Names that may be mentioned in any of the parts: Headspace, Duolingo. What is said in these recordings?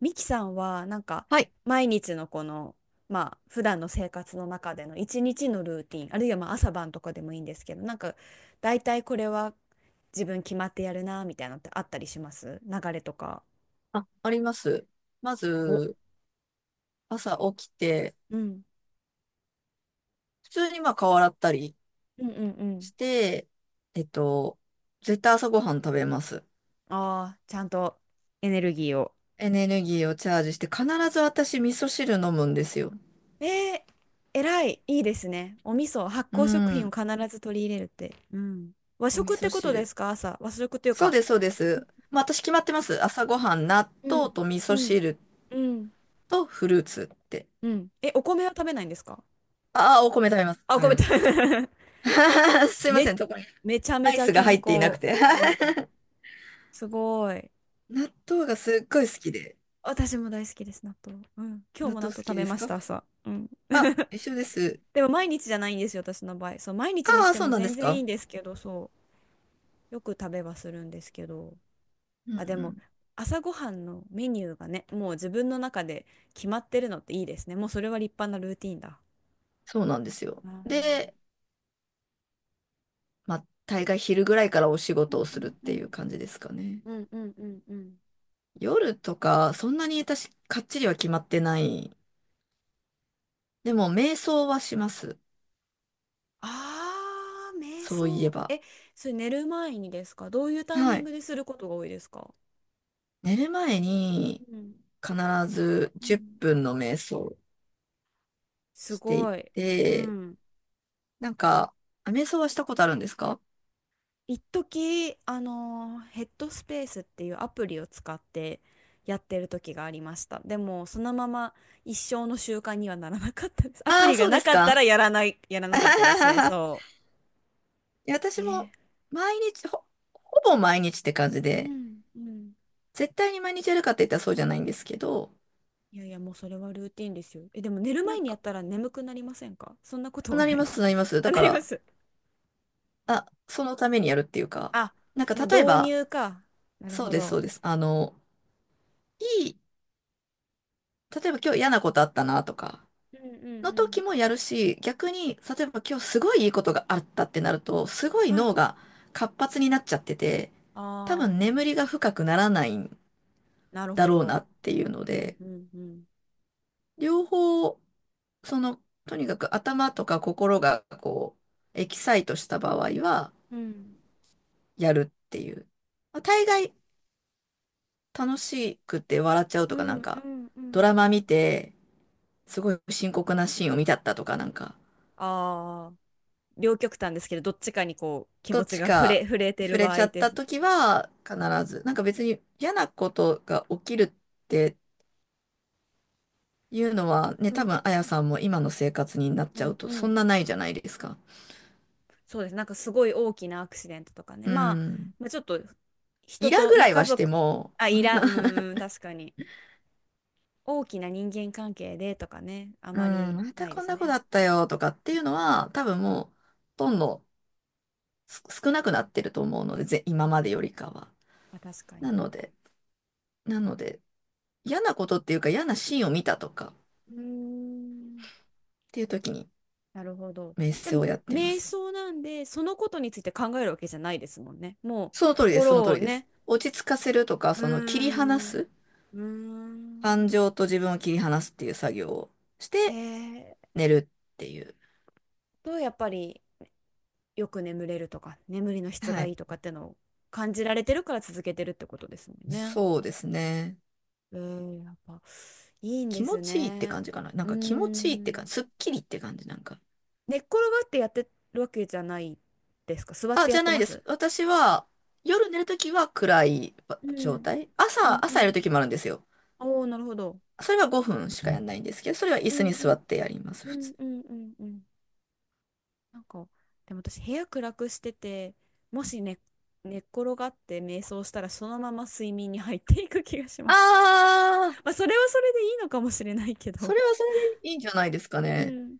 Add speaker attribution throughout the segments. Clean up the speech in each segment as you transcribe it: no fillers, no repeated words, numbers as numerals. Speaker 1: ミキさんは
Speaker 2: はい。
Speaker 1: 毎日のこの普段の生活の中での一日のルーティン、あるいは朝晩とかでもいいんですけど、大体これは自分決まってやるなみたいなのってあったりします？流れとか。
Speaker 2: あ、あります。ま
Speaker 1: お、
Speaker 2: ず、朝起きて、
Speaker 1: うん
Speaker 2: 普通にまあ顔洗ったり
Speaker 1: うんうんう
Speaker 2: し
Speaker 1: ん。
Speaker 2: て、えっと、絶対朝ごはん食べます。
Speaker 1: ああー、ちゃんとエネルギーを。
Speaker 2: エネルギーをチャージして、必ず私味噌汁飲むんですよ。
Speaker 1: えー、偉いいいですね。お味噌、発
Speaker 2: う
Speaker 1: 酵食品を
Speaker 2: ん。
Speaker 1: 必ず取り入れるって、うん。和
Speaker 2: お味
Speaker 1: 食っ
Speaker 2: 噌
Speaker 1: てことで
Speaker 2: 汁。
Speaker 1: すか？朝和食っていう
Speaker 2: そう
Speaker 1: か、
Speaker 2: です、そうです。まあ私決まってます。朝ごはん、納
Speaker 1: う
Speaker 2: 豆
Speaker 1: ん
Speaker 2: と味噌
Speaker 1: うん
Speaker 2: 汁
Speaker 1: うん
Speaker 2: とフルーツって。
Speaker 1: うん。え、お米は食べないんですか？
Speaker 2: ああ、お米食べます。
Speaker 1: あ、お
Speaker 2: 食べ
Speaker 1: 米
Speaker 2: ま
Speaker 1: 食
Speaker 2: す。
Speaker 1: べ
Speaker 2: すいませ
Speaker 1: め、
Speaker 2: ん、そこに
Speaker 1: めちゃめ
Speaker 2: ライ
Speaker 1: ちゃ
Speaker 2: スが
Speaker 1: 健
Speaker 2: 入っていなく
Speaker 1: 康。
Speaker 2: て。
Speaker 1: うん。すごい。
Speaker 2: 納豆がすっごい好きで。
Speaker 1: 私も大好きです、納豆。うん。今日
Speaker 2: 納
Speaker 1: も納
Speaker 2: 豆
Speaker 1: 豆
Speaker 2: 好
Speaker 1: 食
Speaker 2: き
Speaker 1: べ
Speaker 2: です
Speaker 1: まし
Speaker 2: か？
Speaker 1: た、朝。うん。
Speaker 2: あ、一緒です。
Speaker 1: でも毎日じゃないんですよ、私の場合。そう、毎日にし
Speaker 2: ああ、
Speaker 1: て
Speaker 2: そう
Speaker 1: も
Speaker 2: なんで
Speaker 1: 全
Speaker 2: す
Speaker 1: 然い
Speaker 2: か。
Speaker 1: いんですけど、そう。よく食べはするんですけど。
Speaker 2: うんう
Speaker 1: あ、でも、
Speaker 2: ん。
Speaker 1: 朝ごはんのメニューがね、もう自分の中で決まってるのっていいですね。もうそれは立派なルーティンだ。
Speaker 2: そうなんですよ。
Speaker 1: うん
Speaker 2: で、まあ、大概昼ぐらいからお仕
Speaker 1: う
Speaker 2: 事
Speaker 1: ん
Speaker 2: を
Speaker 1: う
Speaker 2: するっ
Speaker 1: んう
Speaker 2: ていう
Speaker 1: ん
Speaker 2: 感じですかね。
Speaker 1: うんうんうんうん。
Speaker 2: 夜とか、そんなに私、かっちりは決まってない。でも、瞑想はします。
Speaker 1: ああ、瞑
Speaker 2: そういえ
Speaker 1: 想。
Speaker 2: ば。
Speaker 1: え、それ寝る前にですか？どういうタイミ
Speaker 2: は
Speaker 1: ング
Speaker 2: い。
Speaker 1: ですることが多いですか？
Speaker 2: 寝る前に、
Speaker 1: うん。
Speaker 2: 必ず
Speaker 1: う
Speaker 2: 10
Speaker 1: ん。
Speaker 2: 分の瞑想
Speaker 1: す
Speaker 2: してい
Speaker 1: ごい。う
Speaker 2: て、
Speaker 1: ん。
Speaker 2: なんか、あ、瞑想はしたことあるんですか？
Speaker 1: 一時、ヘッドスペースっていうアプリを使ってやってる時がありました。でも、そのまま一生の習慣にはならなかったです。アプ
Speaker 2: ああー、
Speaker 1: リが
Speaker 2: そうで
Speaker 1: な
Speaker 2: す
Speaker 1: かったら
Speaker 2: か。
Speaker 1: やらなかったですね。そ
Speaker 2: いや
Speaker 1: う。
Speaker 2: 私も
Speaker 1: えー、
Speaker 2: 毎日、ほぼ毎日って感じ
Speaker 1: う
Speaker 2: で、
Speaker 1: ん。うん。
Speaker 2: 絶対に毎日やるかって言ったらそうじゃないんですけど、
Speaker 1: いやいや、もうそれはルーティンですよ。え、でも寝る
Speaker 2: な
Speaker 1: 前
Speaker 2: ん
Speaker 1: にや
Speaker 2: か、
Speaker 1: ったら眠くなりませんか？ そんなことは
Speaker 2: なり
Speaker 1: な
Speaker 2: ま
Speaker 1: い？
Speaker 2: す、なります。
Speaker 1: あ、
Speaker 2: だ
Speaker 1: な
Speaker 2: か
Speaker 1: りま
Speaker 2: ら、
Speaker 1: す。
Speaker 2: あ、そのためにやるっていうか、
Speaker 1: あ、
Speaker 2: なんか
Speaker 1: もう
Speaker 2: 例え
Speaker 1: 導
Speaker 2: ば、
Speaker 1: 入か。なる
Speaker 2: そう
Speaker 1: ほ
Speaker 2: です、
Speaker 1: ど。
Speaker 2: そうです。いい、例えば今日嫌なことあったなとか、
Speaker 1: うんうん
Speaker 2: の
Speaker 1: う
Speaker 2: 時
Speaker 1: ん。
Speaker 2: もやるし、逆に、例えば今日すごいいいことがあったってなると、すごい
Speaker 1: は
Speaker 2: 脳
Speaker 1: い。
Speaker 2: が活発になっちゃってて、多
Speaker 1: あ
Speaker 2: 分
Speaker 1: あ、
Speaker 2: 眠りが深くならないん
Speaker 1: なる
Speaker 2: だ
Speaker 1: ほ
Speaker 2: ろうな
Speaker 1: ど。
Speaker 2: っていうの
Speaker 1: うん
Speaker 2: で、
Speaker 1: うんうん。
Speaker 2: 両方、その、とにかく頭とか心がこう、エキサイトした場合は、
Speaker 1: うん
Speaker 2: やるっていう。まあ、大概楽しくて笑っちゃう
Speaker 1: う
Speaker 2: とか、なん
Speaker 1: んう
Speaker 2: か、
Speaker 1: んう
Speaker 2: ドラ
Speaker 1: ん。
Speaker 2: マ見て、すごい深刻なシーンを見ちゃったとか、なんか、
Speaker 1: ああ、両極端ですけど、どっちかにこう、気
Speaker 2: ど
Speaker 1: 持
Speaker 2: っ
Speaker 1: ち
Speaker 2: ち
Speaker 1: が
Speaker 2: か
Speaker 1: 触れて
Speaker 2: 触
Speaker 1: る
Speaker 2: れ
Speaker 1: 場
Speaker 2: ちゃ
Speaker 1: 合
Speaker 2: っ
Speaker 1: で
Speaker 2: た
Speaker 1: す。
Speaker 2: 時は、必ず、なんか別に嫌なことが起きるっていうのは、ね、
Speaker 1: う
Speaker 2: 多
Speaker 1: ん
Speaker 2: 分、あやさんも今の生活になっ
Speaker 1: う
Speaker 2: ちゃう
Speaker 1: ん
Speaker 2: と、
Speaker 1: う
Speaker 2: そん
Speaker 1: ん。
Speaker 2: なないじゃないですか。
Speaker 1: そうです。なんかすごい大きなアクシデントとかね。
Speaker 2: う
Speaker 1: まあ、
Speaker 2: ん。
Speaker 1: まあ、ちょっと
Speaker 2: イ
Speaker 1: 人
Speaker 2: ラ
Speaker 1: と
Speaker 2: ぐ
Speaker 1: ね、
Speaker 2: らい
Speaker 1: 家
Speaker 2: はして
Speaker 1: 族、
Speaker 2: も、
Speaker 1: あ、いら、うーん、確かに。大きな人間関係でとかね、あ
Speaker 2: う
Speaker 1: ま
Speaker 2: ん、
Speaker 1: り
Speaker 2: ま
Speaker 1: な
Speaker 2: た
Speaker 1: いで
Speaker 2: こん
Speaker 1: す
Speaker 2: な子
Speaker 1: ね。
Speaker 2: だったよとかっていうのは、多分もう、どんどん少なくなってると思うので、今までよりかは。
Speaker 1: まあ、確か
Speaker 2: な
Speaker 1: に。
Speaker 2: ので、なので、嫌なことっていうか嫌なシーンを見たとかっ
Speaker 1: うーん、
Speaker 2: ていう時に、
Speaker 1: なるほど。
Speaker 2: メッ
Speaker 1: で
Speaker 2: セを
Speaker 1: も、
Speaker 2: やってま
Speaker 1: 瞑
Speaker 2: す。
Speaker 1: 想なんで、そのことについて考えるわけじゃないですもんね。もう、
Speaker 2: その通りです、その
Speaker 1: 心
Speaker 2: 通
Speaker 1: を
Speaker 2: りで
Speaker 1: ね、
Speaker 2: す。落ち着かせるとか、
Speaker 1: うー
Speaker 2: その切り離
Speaker 1: ん、
Speaker 2: す、
Speaker 1: うー
Speaker 2: 感
Speaker 1: ん、
Speaker 2: 情と自分を切り離すっていう作業をし
Speaker 1: へ
Speaker 2: て、
Speaker 1: え。
Speaker 2: 寝るっていう。
Speaker 1: と、やっぱり、よく眠れるとか眠りの質
Speaker 2: は
Speaker 1: がい
Speaker 2: い。
Speaker 1: いとかってのを感じられてるから続けてるってことですもんね。
Speaker 2: そうですね。
Speaker 1: えー、やっぱいいん
Speaker 2: 気
Speaker 1: で
Speaker 2: 持
Speaker 1: す
Speaker 2: ちいいって
Speaker 1: ね。
Speaker 2: 感じかな。なん
Speaker 1: うー
Speaker 2: か気持ちいいって感
Speaker 1: ん。
Speaker 2: じ、すっきりって感じ、なんか。
Speaker 1: 寝っ転がってやってるわけじゃないですか？座っ
Speaker 2: あ、
Speaker 1: てや
Speaker 2: じ
Speaker 1: っ
Speaker 2: ゃ
Speaker 1: て
Speaker 2: ない
Speaker 1: ま
Speaker 2: です。
Speaker 1: す。
Speaker 2: 私は、夜寝るときは暗い
Speaker 1: う
Speaker 2: 状
Speaker 1: ん。
Speaker 2: 態。
Speaker 1: うん
Speaker 2: 朝、
Speaker 1: う
Speaker 2: 朝や
Speaker 1: ん。
Speaker 2: るときもあるんですよ。
Speaker 1: おお、なるほど。
Speaker 2: それは5分しかやんないんですけど、それは椅
Speaker 1: う
Speaker 2: 子
Speaker 1: ん
Speaker 2: に
Speaker 1: う
Speaker 2: 座
Speaker 1: ん
Speaker 2: ってやります、
Speaker 1: う
Speaker 2: 普
Speaker 1: ん
Speaker 2: 通。
Speaker 1: うんうんうん。なんか、でも私部屋暗くしてて、もし寝、寝っ転がって瞑想したらそのまま睡眠に入っていく気がします。
Speaker 2: ああ、
Speaker 1: まあ、それはそれでいいのかもしれないけ
Speaker 2: そ
Speaker 1: ど。
Speaker 2: れはそれでいいんじゃないですか
Speaker 1: う
Speaker 2: ね。
Speaker 1: ん。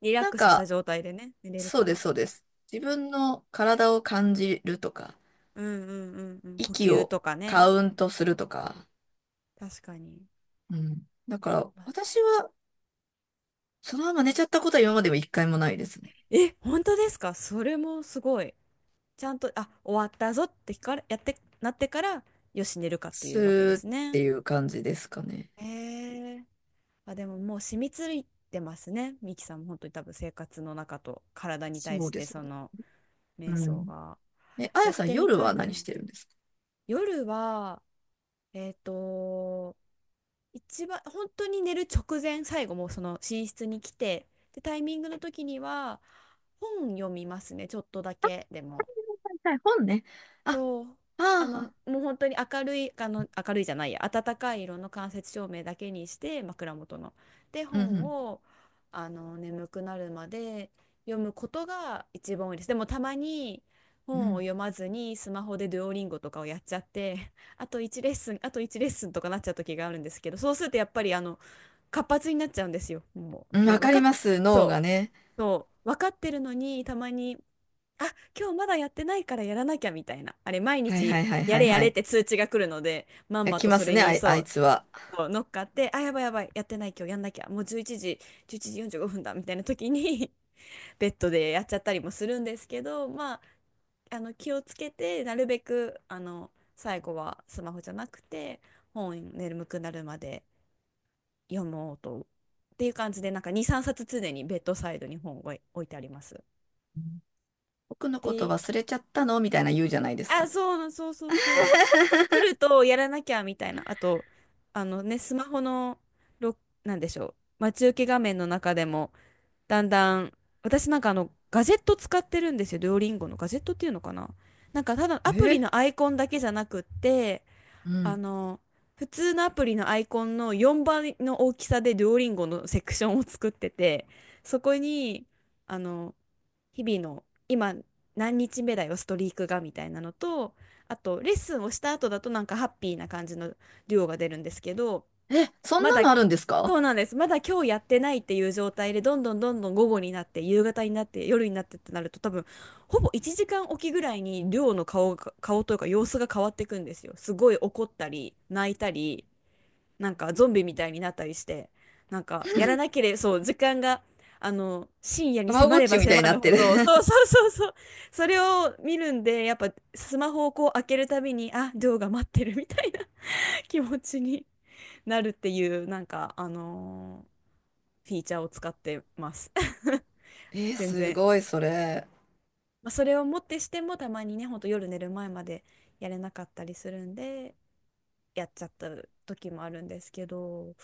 Speaker 1: リラッ
Speaker 2: なん
Speaker 1: クスした
Speaker 2: か、
Speaker 1: 状態でね、寝れる
Speaker 2: そう
Speaker 1: か
Speaker 2: で
Speaker 1: ら。
Speaker 2: す、そうです。自分の体を感じるとか、
Speaker 1: うんうんうんうん。呼
Speaker 2: 息
Speaker 1: 吸
Speaker 2: を
Speaker 1: とかね。
Speaker 2: カウントするとか。
Speaker 1: 確かに。
Speaker 2: うん。だから、
Speaker 1: まあ、
Speaker 2: 私は、そのまま寝ちゃったことは今までも一回もないですね。
Speaker 1: え、本当ですか？それもすごい。ちゃんと、あ、終わったぞってから、やって、なってから、よし、寝るかってい
Speaker 2: ス
Speaker 1: うわけで
Speaker 2: ーっ
Speaker 1: す
Speaker 2: て
Speaker 1: ね。
Speaker 2: いう感じですかね。
Speaker 1: へえ。あ、でももう染みついてますね、ミキさんも。本当に多分生活の中と体に対
Speaker 2: そう
Speaker 1: し
Speaker 2: で
Speaker 1: て
Speaker 2: す
Speaker 1: そ
Speaker 2: ね。
Speaker 1: の
Speaker 2: う
Speaker 1: 瞑想
Speaker 2: ん。
Speaker 1: が。
Speaker 2: え、あ
Speaker 1: や
Speaker 2: や
Speaker 1: っ
Speaker 2: さん、
Speaker 1: てみ
Speaker 2: 夜
Speaker 1: たい
Speaker 2: は何し
Speaker 1: な。
Speaker 2: てるんですか？
Speaker 1: 夜は、えっと、一番本当に寝る直前、最後もうその寝室に来てでタイミングの時には本読みますね、ちょっとだけでも。
Speaker 2: はいはい、本ね。あ、
Speaker 1: そう、あ
Speaker 2: あ
Speaker 1: の
Speaker 2: あ、
Speaker 1: もう本当に明るいあの明るいじゃないや暖かい色の間接照明だけにして、枕元ので
Speaker 2: うんう
Speaker 1: 本
Speaker 2: ん、
Speaker 1: を眠くなるまで読むことが一番多いです。でもたまに
Speaker 2: う
Speaker 1: 本を
Speaker 2: ん。
Speaker 1: 読まずにスマホでデュオリンゴとかをやっちゃって、あと1レッスン、あと1レッスンとかなっちゃう時があるんですけど、そうするとやっぱり活発になっちゃうんですよ。も
Speaker 2: う
Speaker 1: う
Speaker 2: ん、
Speaker 1: ね、
Speaker 2: わ
Speaker 1: わ
Speaker 2: か
Speaker 1: か
Speaker 2: り
Speaker 1: っ、
Speaker 2: ます、脳
Speaker 1: そ
Speaker 2: がね。
Speaker 1: う、そう、分かってるのに、たまに、あ、今日まだやってないからやらなきゃみたいな。あれ、毎
Speaker 2: はいは
Speaker 1: 日
Speaker 2: いはい
Speaker 1: や
Speaker 2: は
Speaker 1: れ
Speaker 2: い
Speaker 1: や
Speaker 2: は
Speaker 1: れっ
Speaker 2: い。
Speaker 1: て通知が来るので、まん
Speaker 2: え、
Speaker 1: ま
Speaker 2: 来
Speaker 1: と
Speaker 2: ま
Speaker 1: そ
Speaker 2: す
Speaker 1: れ
Speaker 2: ね、あ
Speaker 1: に、
Speaker 2: い、あ
Speaker 1: そ
Speaker 2: い
Speaker 1: う、
Speaker 2: つは。
Speaker 1: そう乗っかって、あ、やばいやばい、やってない、今日やんなきゃ、もう11時、11時45分だみたいな時に ベッドでやっちゃったりもするんですけど、まあ、気をつけて、なるべく、最後はスマホじゃなくて、本、眠くなるまで読もうと。っていう感じで、なんか2、3冊常にベッドサイドに本を置いてあります。
Speaker 2: うん、僕のこと
Speaker 1: で、
Speaker 2: 忘れちゃったのみたいな言うじゃないです
Speaker 1: あ、
Speaker 2: か。
Speaker 1: そうそうそうそう。来るとやらなきゃみたいな。あと、あのね、スマホの、ろ、なんでしょう、待ち受け画面の中でも、だんだん、私なんかガジェット使ってるんですよ。デュオリンゴのガジェットっていうのかな。なんかただアプリ
Speaker 2: え、
Speaker 1: のアイコンだけじゃなくって、
Speaker 2: う
Speaker 1: あ
Speaker 2: ん。
Speaker 1: の、普通のアプリのアイコンの4倍の大きさでデュオリンゴのセクションを作ってて、そこに、あの、日々の今何日目だよ、ストリークがみたいなのと、あとレッスンをした後だとなんかハッピーな感じのデュオが出るんですけど、
Speaker 2: え、そん
Speaker 1: ま
Speaker 2: な
Speaker 1: だ、
Speaker 2: のあるんです
Speaker 1: そ
Speaker 2: か？
Speaker 1: うなんです。まだ今日やってないっていう状態で、どんどんどんどん午後になって、夕方になって、夜になってってなると、多分、ほぼ1時間おきぐらいに、亮の顔が、顔というか様子が変わっていくんですよ。すごい怒ったり、泣いたり、なんかゾンビみたいになったりして、なんか、やらなければ、そう、時間が、深夜
Speaker 2: た
Speaker 1: に
Speaker 2: ま
Speaker 1: 迫
Speaker 2: ごっ
Speaker 1: れ
Speaker 2: ち
Speaker 1: ば
Speaker 2: みたい
Speaker 1: 迫
Speaker 2: にな
Speaker 1: る
Speaker 2: って
Speaker 1: ほ
Speaker 2: る。
Speaker 1: ど、そうそうそうそう、それを見るんで、やっぱ、スマホをこう開けるたびに、あ、亮が待ってるみたいな気持ちに。なるっていう、なんか、フィーチャーを使ってます。
Speaker 2: えー、
Speaker 1: 全
Speaker 2: す
Speaker 1: 然。
Speaker 2: ごい、それ。
Speaker 1: まあ、それをもってしても、たまにね、ほんと夜寝る前までやれなかったりするんで、やっちゃった時もあるんですけど、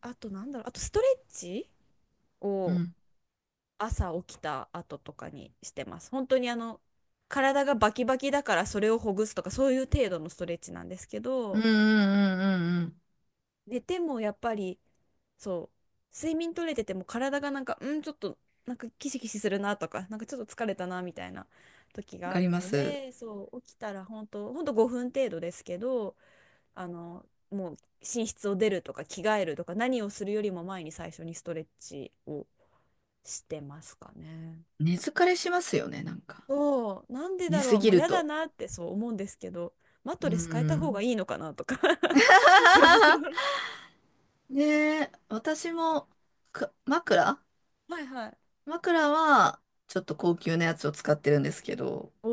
Speaker 1: あとなんだろう、あとストレッチ
Speaker 2: う
Speaker 1: を
Speaker 2: ん。
Speaker 1: 朝起きた後とかにしてます。本当に体がバキバキだからそれをほぐすとか、そういう程度のストレッチなんですけ
Speaker 2: うん
Speaker 1: ど、
Speaker 2: うんうんうんうん。
Speaker 1: 寝てもやっぱりそう、睡眠取れてても体がなんか、うん、ちょっと、なんかキシキシするなとか、なんかちょっと疲れたなみたいな時
Speaker 2: わ
Speaker 1: が
Speaker 2: か
Speaker 1: あ
Speaker 2: り
Speaker 1: る
Speaker 2: ま
Speaker 1: の
Speaker 2: す。
Speaker 1: で、そう、起きたら本当、本当5分程度ですけど、もう寝室を出るとか着替えるとか何をするよりも前に最初にストレッチをしてますかね。
Speaker 2: 寝疲れしますよね、なんか。
Speaker 1: そう、なんで
Speaker 2: 寝
Speaker 1: だろ
Speaker 2: す
Speaker 1: う、も
Speaker 2: ぎ
Speaker 1: う
Speaker 2: る
Speaker 1: 嫌だ
Speaker 2: と。
Speaker 1: なってそう思うんですけど、マット
Speaker 2: う
Speaker 1: レス変えた方
Speaker 2: ん。
Speaker 1: がいいのかなとか
Speaker 2: ねえ、私も枕、
Speaker 1: はいはい。
Speaker 2: 枕はちょっと高級なやつを使ってるんですけど、
Speaker 1: お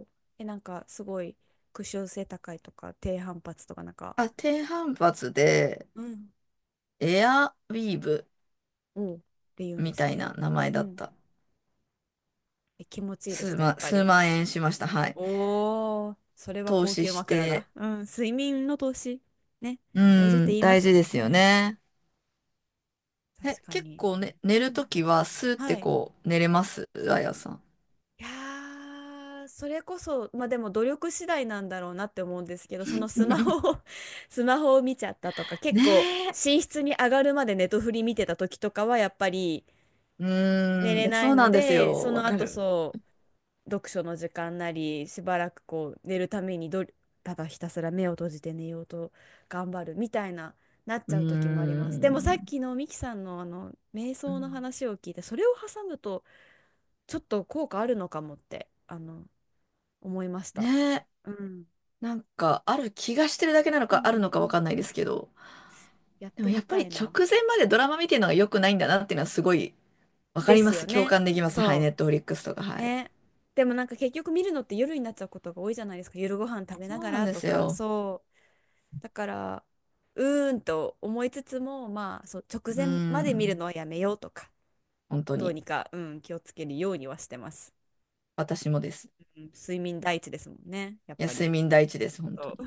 Speaker 1: お。え、なんかすごい屈折性高いとか低反発とかなんか、
Speaker 2: あ、低反発で
Speaker 1: うん。
Speaker 2: エアウィーブ
Speaker 1: おう。って言うんで
Speaker 2: み
Speaker 1: す
Speaker 2: たい
Speaker 1: ね。
Speaker 2: な名前
Speaker 1: う
Speaker 2: だっ
Speaker 1: ん。
Speaker 2: た。
Speaker 1: え、気持ちいいです
Speaker 2: 数
Speaker 1: か、や
Speaker 2: 万、
Speaker 1: っぱ
Speaker 2: 数
Speaker 1: り。
Speaker 2: 万円しました。はい。
Speaker 1: おお。それは
Speaker 2: 投
Speaker 1: 高
Speaker 2: 資
Speaker 1: 級
Speaker 2: し
Speaker 1: 枕だ。
Speaker 2: て、
Speaker 1: うん、睡眠の投資。ね、
Speaker 2: う
Speaker 1: 大事って
Speaker 2: ん、
Speaker 1: 言いま
Speaker 2: 大
Speaker 1: す
Speaker 2: 事
Speaker 1: も
Speaker 2: で
Speaker 1: ん
Speaker 2: すよ
Speaker 1: ね。
Speaker 2: ね。え、
Speaker 1: 確か
Speaker 2: 結
Speaker 1: に。
Speaker 2: 構ね、寝
Speaker 1: う
Speaker 2: ると
Speaker 1: ん。
Speaker 2: きはスーって
Speaker 1: はい。
Speaker 2: こう寝れますあやさん？
Speaker 1: いやーそれこそ、まあでも努力次第なんだろうなって思うんですけど、そのスマホ を スマホを見ちゃったとか、結構
Speaker 2: ねえ。
Speaker 1: 寝室に上がるまでネトフリ見てた時とかはやっぱり
Speaker 2: う
Speaker 1: 寝
Speaker 2: ーん、い
Speaker 1: れ
Speaker 2: や
Speaker 1: な
Speaker 2: そ
Speaker 1: い
Speaker 2: う
Speaker 1: の
Speaker 2: なんです
Speaker 1: で、そ
Speaker 2: よ。わ
Speaker 1: の
Speaker 2: か
Speaker 1: 後
Speaker 2: る。
Speaker 1: そう、読書の時間なり、しばらくこう寝るために、ど、ただひたすら目を閉じて寝ようと頑張るみたいな、なっ
Speaker 2: う
Speaker 1: ち
Speaker 2: ー
Speaker 1: ゃう時もあります。でもさっ
Speaker 2: ん。
Speaker 1: きのミキさんの瞑
Speaker 2: う
Speaker 1: 想の
Speaker 2: ん、
Speaker 1: 話を聞いて、それを挟むとちょっと効果あるのかもって、思いました。
Speaker 2: ねえ。
Speaker 1: うん、
Speaker 2: なんか、ある気がしてるだけなの
Speaker 1: う
Speaker 2: か、ある
Speaker 1: ん
Speaker 2: の
Speaker 1: う
Speaker 2: かわか
Speaker 1: ん、
Speaker 2: んないですけど、
Speaker 1: やっ
Speaker 2: でも
Speaker 1: て
Speaker 2: や
Speaker 1: み
Speaker 2: っぱ
Speaker 1: た
Speaker 2: り
Speaker 1: い
Speaker 2: 直
Speaker 1: な。
Speaker 2: 前までドラマ見てるのが良くないんだなっていうのはすごいわか
Speaker 1: で
Speaker 2: りま
Speaker 1: すよ
Speaker 2: す。共
Speaker 1: ね。
Speaker 2: 感できます。はい、
Speaker 1: そ
Speaker 2: ネットフリックスとか、
Speaker 1: う。
Speaker 2: はい。
Speaker 1: ね。でもなんか結局見るのって夜になっちゃうことが多いじゃないですか。夜ご飯食べな
Speaker 2: そう
Speaker 1: が
Speaker 2: なん
Speaker 1: ら
Speaker 2: で
Speaker 1: と
Speaker 2: す
Speaker 1: か。
Speaker 2: よ。
Speaker 1: そう。だから、うーんと思いつつも、まあ、そう、直
Speaker 2: うー
Speaker 1: 前まで見る
Speaker 2: ん。
Speaker 1: のはやめようとか、
Speaker 2: 本当
Speaker 1: どう
Speaker 2: に。
Speaker 1: にか、うん、気をつけるようにはしてます。
Speaker 2: 私もです。
Speaker 1: うん、睡眠第一ですもんね、やっ
Speaker 2: いや、
Speaker 1: ぱ
Speaker 2: 睡
Speaker 1: り。
Speaker 2: 眠第一です、本当に。